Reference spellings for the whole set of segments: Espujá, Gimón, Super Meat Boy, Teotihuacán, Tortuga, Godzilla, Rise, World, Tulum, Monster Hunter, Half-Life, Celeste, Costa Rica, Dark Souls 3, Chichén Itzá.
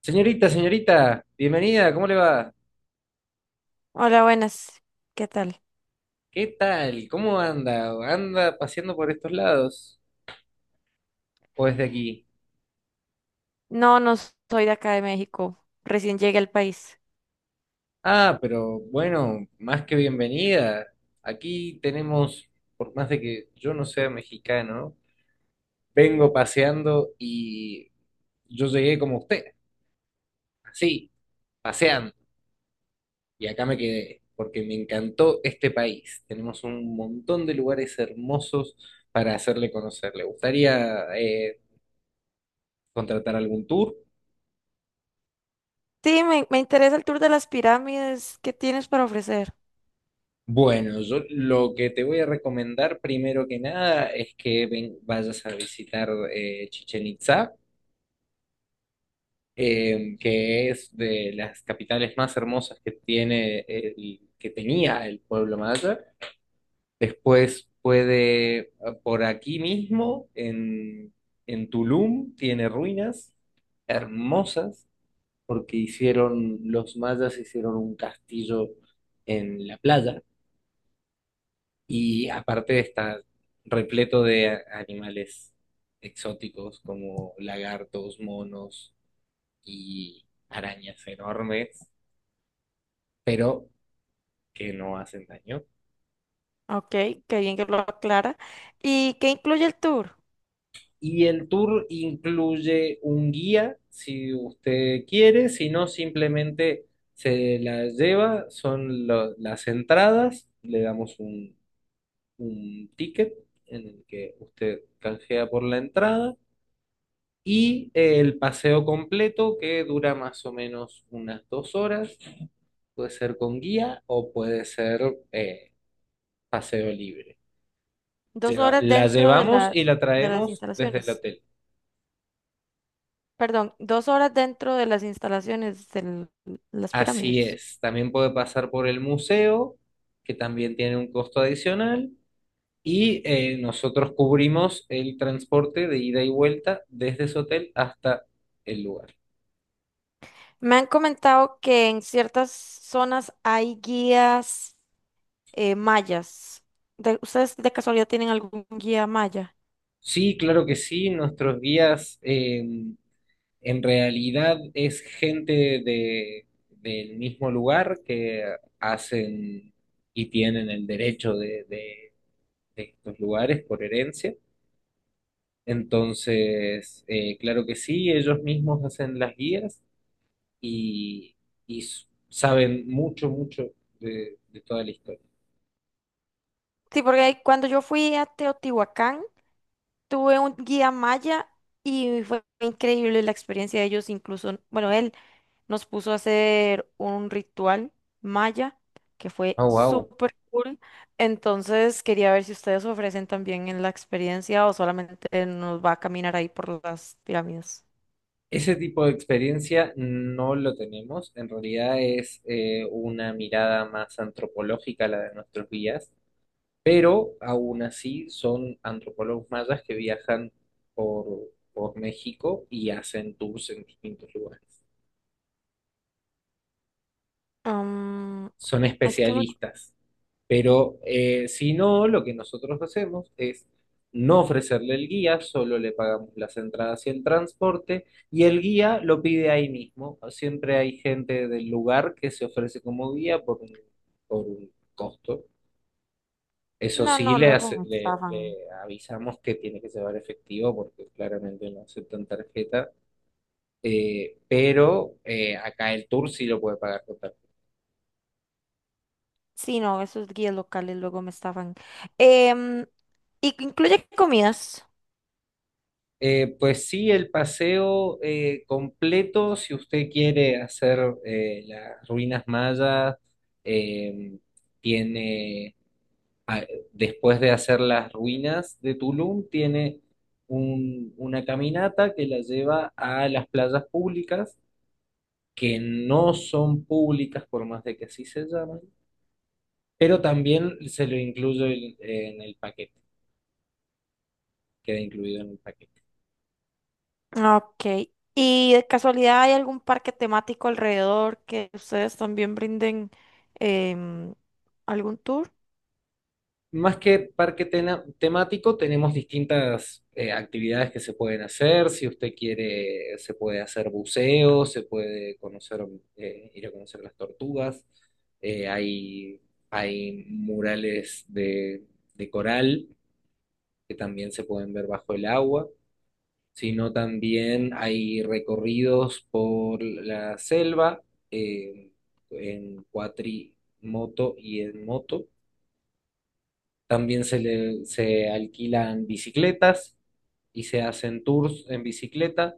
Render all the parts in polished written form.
Señorita, señorita, bienvenida, ¿cómo le va? Hola, buenas. ¿Qué tal? ¿Qué tal? ¿Cómo anda? ¿Anda paseando por estos lados? ¿O desde aquí? No, no soy de acá de México. Recién llegué al país. Ah, pero bueno, más que bienvenida. Aquí tenemos, por más de que yo no sea mexicano, vengo paseando y yo llegué como usted, así, paseando. Y acá me quedé, porque me encantó este país. Tenemos un montón de lugares hermosos para hacerle conocer. ¿Le gustaría contratar algún tour? Sí, me interesa el tour de las pirámides. ¿Qué tienes para ofrecer? Bueno, yo lo que te voy a recomendar primero que nada es que vayas a visitar Chichén Itzá, que es de las capitales más hermosas que que tenía el pueblo maya. Después puede, por aquí mismo, en Tulum, tiene ruinas hermosas, porque los mayas hicieron un castillo en la playa. Y aparte está repleto de animales exóticos como lagartos, monos y arañas enormes, pero que no hacen daño. Ok, qué bien que lo aclara. ¿Y qué incluye el tour? Y el tour incluye un guía, si usted quiere, si no, simplemente se la lleva, son las entradas, le damos un ticket en el que usted canjea por la entrada. Y el paseo completo que dura más o menos unas 2 horas, puede ser con guía o puede ser eh, paseo libre. Dos Lleva- horas la dentro de llevamos la, y la de las traemos desde el instalaciones. hotel. Perdón, dos horas dentro de las instalaciones de las Así pirámides. es, también puede pasar por el museo, que también tiene un costo adicional, y nosotros cubrimos el transporte de ida y vuelta desde su hotel hasta el lugar. Me han comentado que en ciertas zonas hay guías mayas. ¿Ustedes de casualidad tienen algún guía maya? Sí, claro que sí, nuestros guías. En realidad es gente del mismo lugar que hacen y tienen el derecho de de estos lugares por herencia. Entonces, claro que sí, ellos mismos hacen las guías y, y saben mucho, mucho de toda la historia. Sí, porque ahí cuando yo fui a Teotihuacán, tuve un guía maya y fue increíble la experiencia de ellos. Incluso, bueno, él nos puso a hacer un ritual maya que fue Oh, wow. súper cool. Entonces, quería ver si ustedes ofrecen también en la experiencia o solamente nos va a caminar ahí por las pirámides. Ese tipo de experiencia no lo tenemos. En realidad es una mirada más antropológica la de nuestros guías, pero aún así son antropólogos mayas que viajan por México y hacen tours en distintos lugares. Mm, Son es que especialistas, pero si no, lo que nosotros hacemos es no ofrecerle el guía, solo le pagamos las entradas y el transporte, y el guía lo pide ahí mismo. Siempre hay gente del lugar que se ofrece como guía por un costo. Eso No, sí, no, le, luego hace- me le, estaban. le avisamos que tiene que llevar efectivo porque claramente no aceptan tarjeta, pero acá el tour sí lo puede pagar con tarjeta. Sí, no, esos guías locales luego me estaban. Em, ¿Y incluye comidas? Pues sí, el paseo completo, si usted quiere hacer las ruinas mayas, eh, tiene, a- después de hacer las ruinas de Tulum, tiene una caminata que la lleva a las playas públicas que no son públicas por más de que sí se llamen, pero también se lo incluyo en el paquete, queda incluido en el paquete. Ok. ¿Y de casualidad hay algún parque temático alrededor que ustedes también brinden em, algún tour? Más que parque temático, tenemos distintas actividades que se pueden hacer. Si usted quiere, se puede hacer buceo, se puede conocer, ir a conocer las tortugas. Eh, hay, hay murales de coral que también se pueden ver bajo el agua. Sino también hay recorridos por la selva eh, en cuatrimoto y en moto. También se alquilan bicicletas y se hacen tours en bicicleta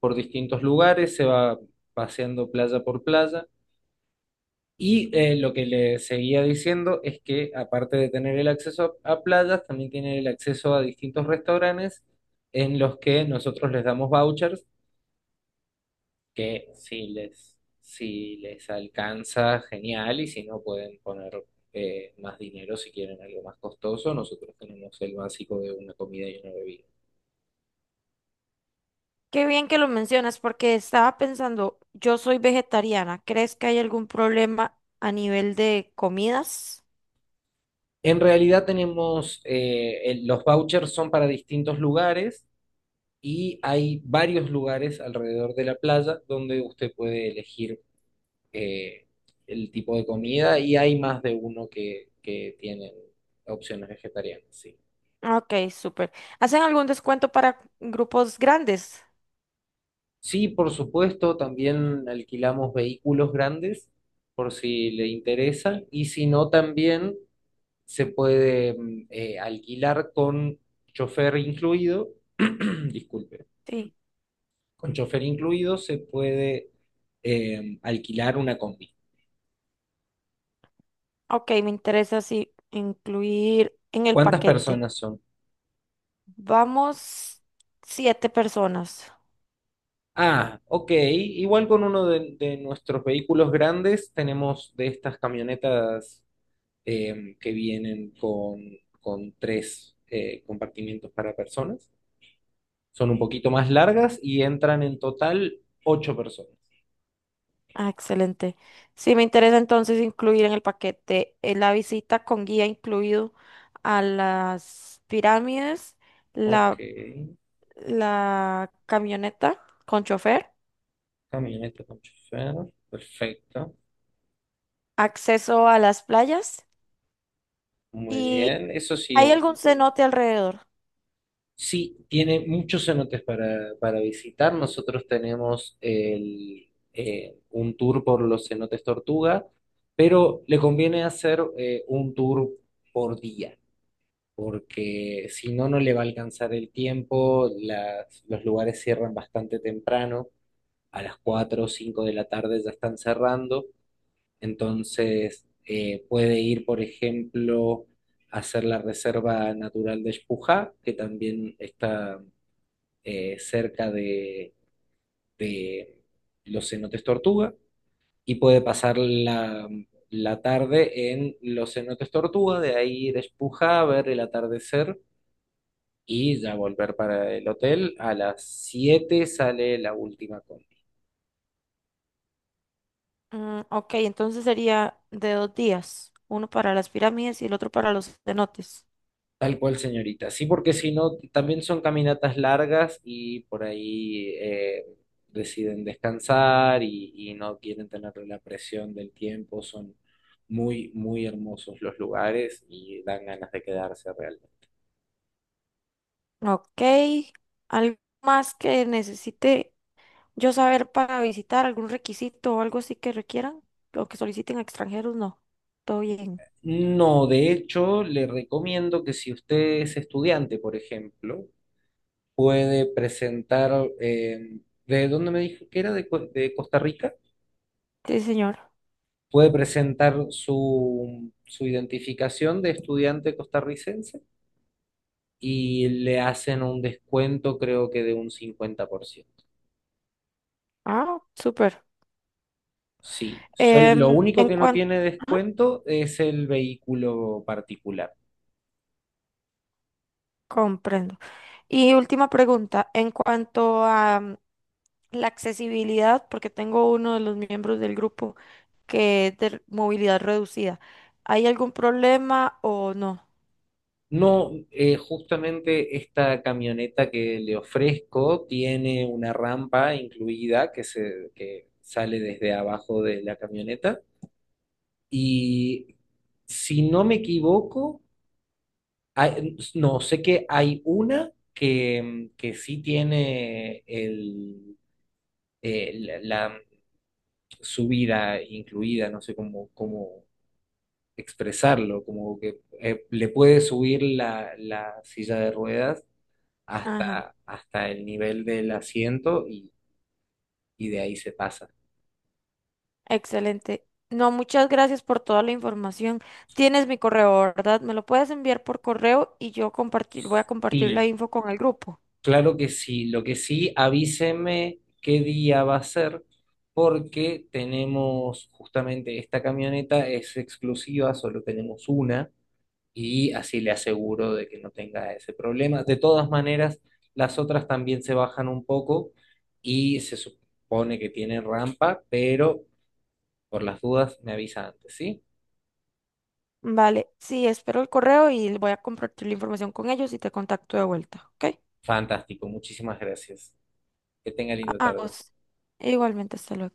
por distintos lugares, se va paseando playa por playa. Y lo que le seguía diciendo es que aparte de tener el acceso a playas, también tiene el acceso a distintos restaurantes en los que nosotros les damos vouchers que si les alcanza, genial, y si no pueden poner más dinero si quieren algo más costoso, nosotros tenemos el básico de una comida y una bebida. Qué bien que lo mencionas porque estaba pensando, yo soy vegetariana, ¿crees que hay algún problema a nivel de comidas? En realidad tenemos, los vouchers son para distintos lugares y hay varios lugares alrededor de la playa donde usted puede elegir eh, el tipo de comida y hay más de uno que tienen opciones vegetarianas, sí. Ok, súper. ¿Hacen algún descuento para grupos grandes? Sí, por supuesto, también alquilamos vehículos grandes por si le interesa y si no, también se puede alquilar con chofer incluido, disculpe, Sí. con chofer incluido se puede alquilar una combi. Ok, me interesa sí incluir en el ¿Cuántas paquete. personas son? Vamos 7 personas. Ah, ok, igual con uno de nuestros vehículos grandes tenemos de estas camionetas que vienen con, tres compartimientos para personas. Son un poquito más largas y entran en total ocho personas. Ah, excelente. Sí, me interesa entonces incluir en el paquete la visita con guía incluido a las pirámides, Ok, la, la camioneta con chofer, camioneta con chofer, perfecto, acceso a las playas muy y bien. Eso sí, ¿hay algún cenote alrededor? sí, tiene muchos cenotes para visitar. Nosotros tenemos un tour por los cenotes Tortuga, pero le conviene hacer un tour por día. Porque si no, no le va a alcanzar el tiempo, los lugares cierran bastante temprano, a las 4 o 5 de la tarde ya están cerrando, entonces puede ir, por ejemplo, a hacer la Reserva Natural de Espujá, que también está cerca de los cenotes Tortuga, y puede pasar la tarde en los cenotes Tortuga, de ahí ir a Espujá a ver el atardecer y ya volver para el hotel. A las 7 sale la última combi. Ok, entonces sería de dos días, uno para las pirámides y el otro para los cenotes. Tal cual, señorita. Sí, porque si no, también son caminatas largas y por ahí deciden descansar y no quieren tener la presión del tiempo. Son muy, muy hermosos los lugares y dan ganas de quedarse realmente. Ok, ¿algo más que necesite? Yo saber para visitar algún requisito o algo así que requieran o que soliciten a extranjeros, no. Todo bien. No, de hecho, le recomiendo que si usted es estudiante, por ejemplo, puede presentar, ¿de dónde me dijo que era? De Costa Rica. Sí, señor. Puede presentar su identificación de estudiante costarricense y le hacen un descuento, creo que de un 50%. Ah, súper. Sí, lo Em, único en que no cuanto... tiene descuento es el vehículo particular. Comprendo. Y última pregunta, en cuanto a la accesibilidad, porque tengo uno de los miembros del grupo que es de movilidad reducida, ¿hay algún problema o no? No, justamente esta camioneta que le ofrezco tiene una rampa incluida que sale desde abajo de la camioneta. Y si no me equivoco, no, sé que hay una que sí tiene el, eh, la, la subida incluida, no sé cómo expresarlo, como que le puede subir la silla de ruedas Ajá. hasta el nivel del asiento y de ahí se pasa. Excelente. No, muchas gracias por toda la información. Tienes mi correo, ¿verdad? Me lo puedes enviar por correo y yo compartir, voy a compartir la Sí, info con el grupo. claro que sí, lo que sí, avíseme qué día va a ser, porque tenemos justamente esta camioneta, es exclusiva, solo tenemos una, y así le aseguro de que no tenga ese problema. De todas maneras, las otras también se bajan un poco y se supone que tienen rampa, pero por las dudas me avisa antes, ¿sí? Vale, sí, espero el correo y voy a compartir la información con ellos y te contacto de vuelta, ¿ok? Fantástico, muchísimas gracias. Que tenga linda A tarde. vos. Igualmente, hasta luego.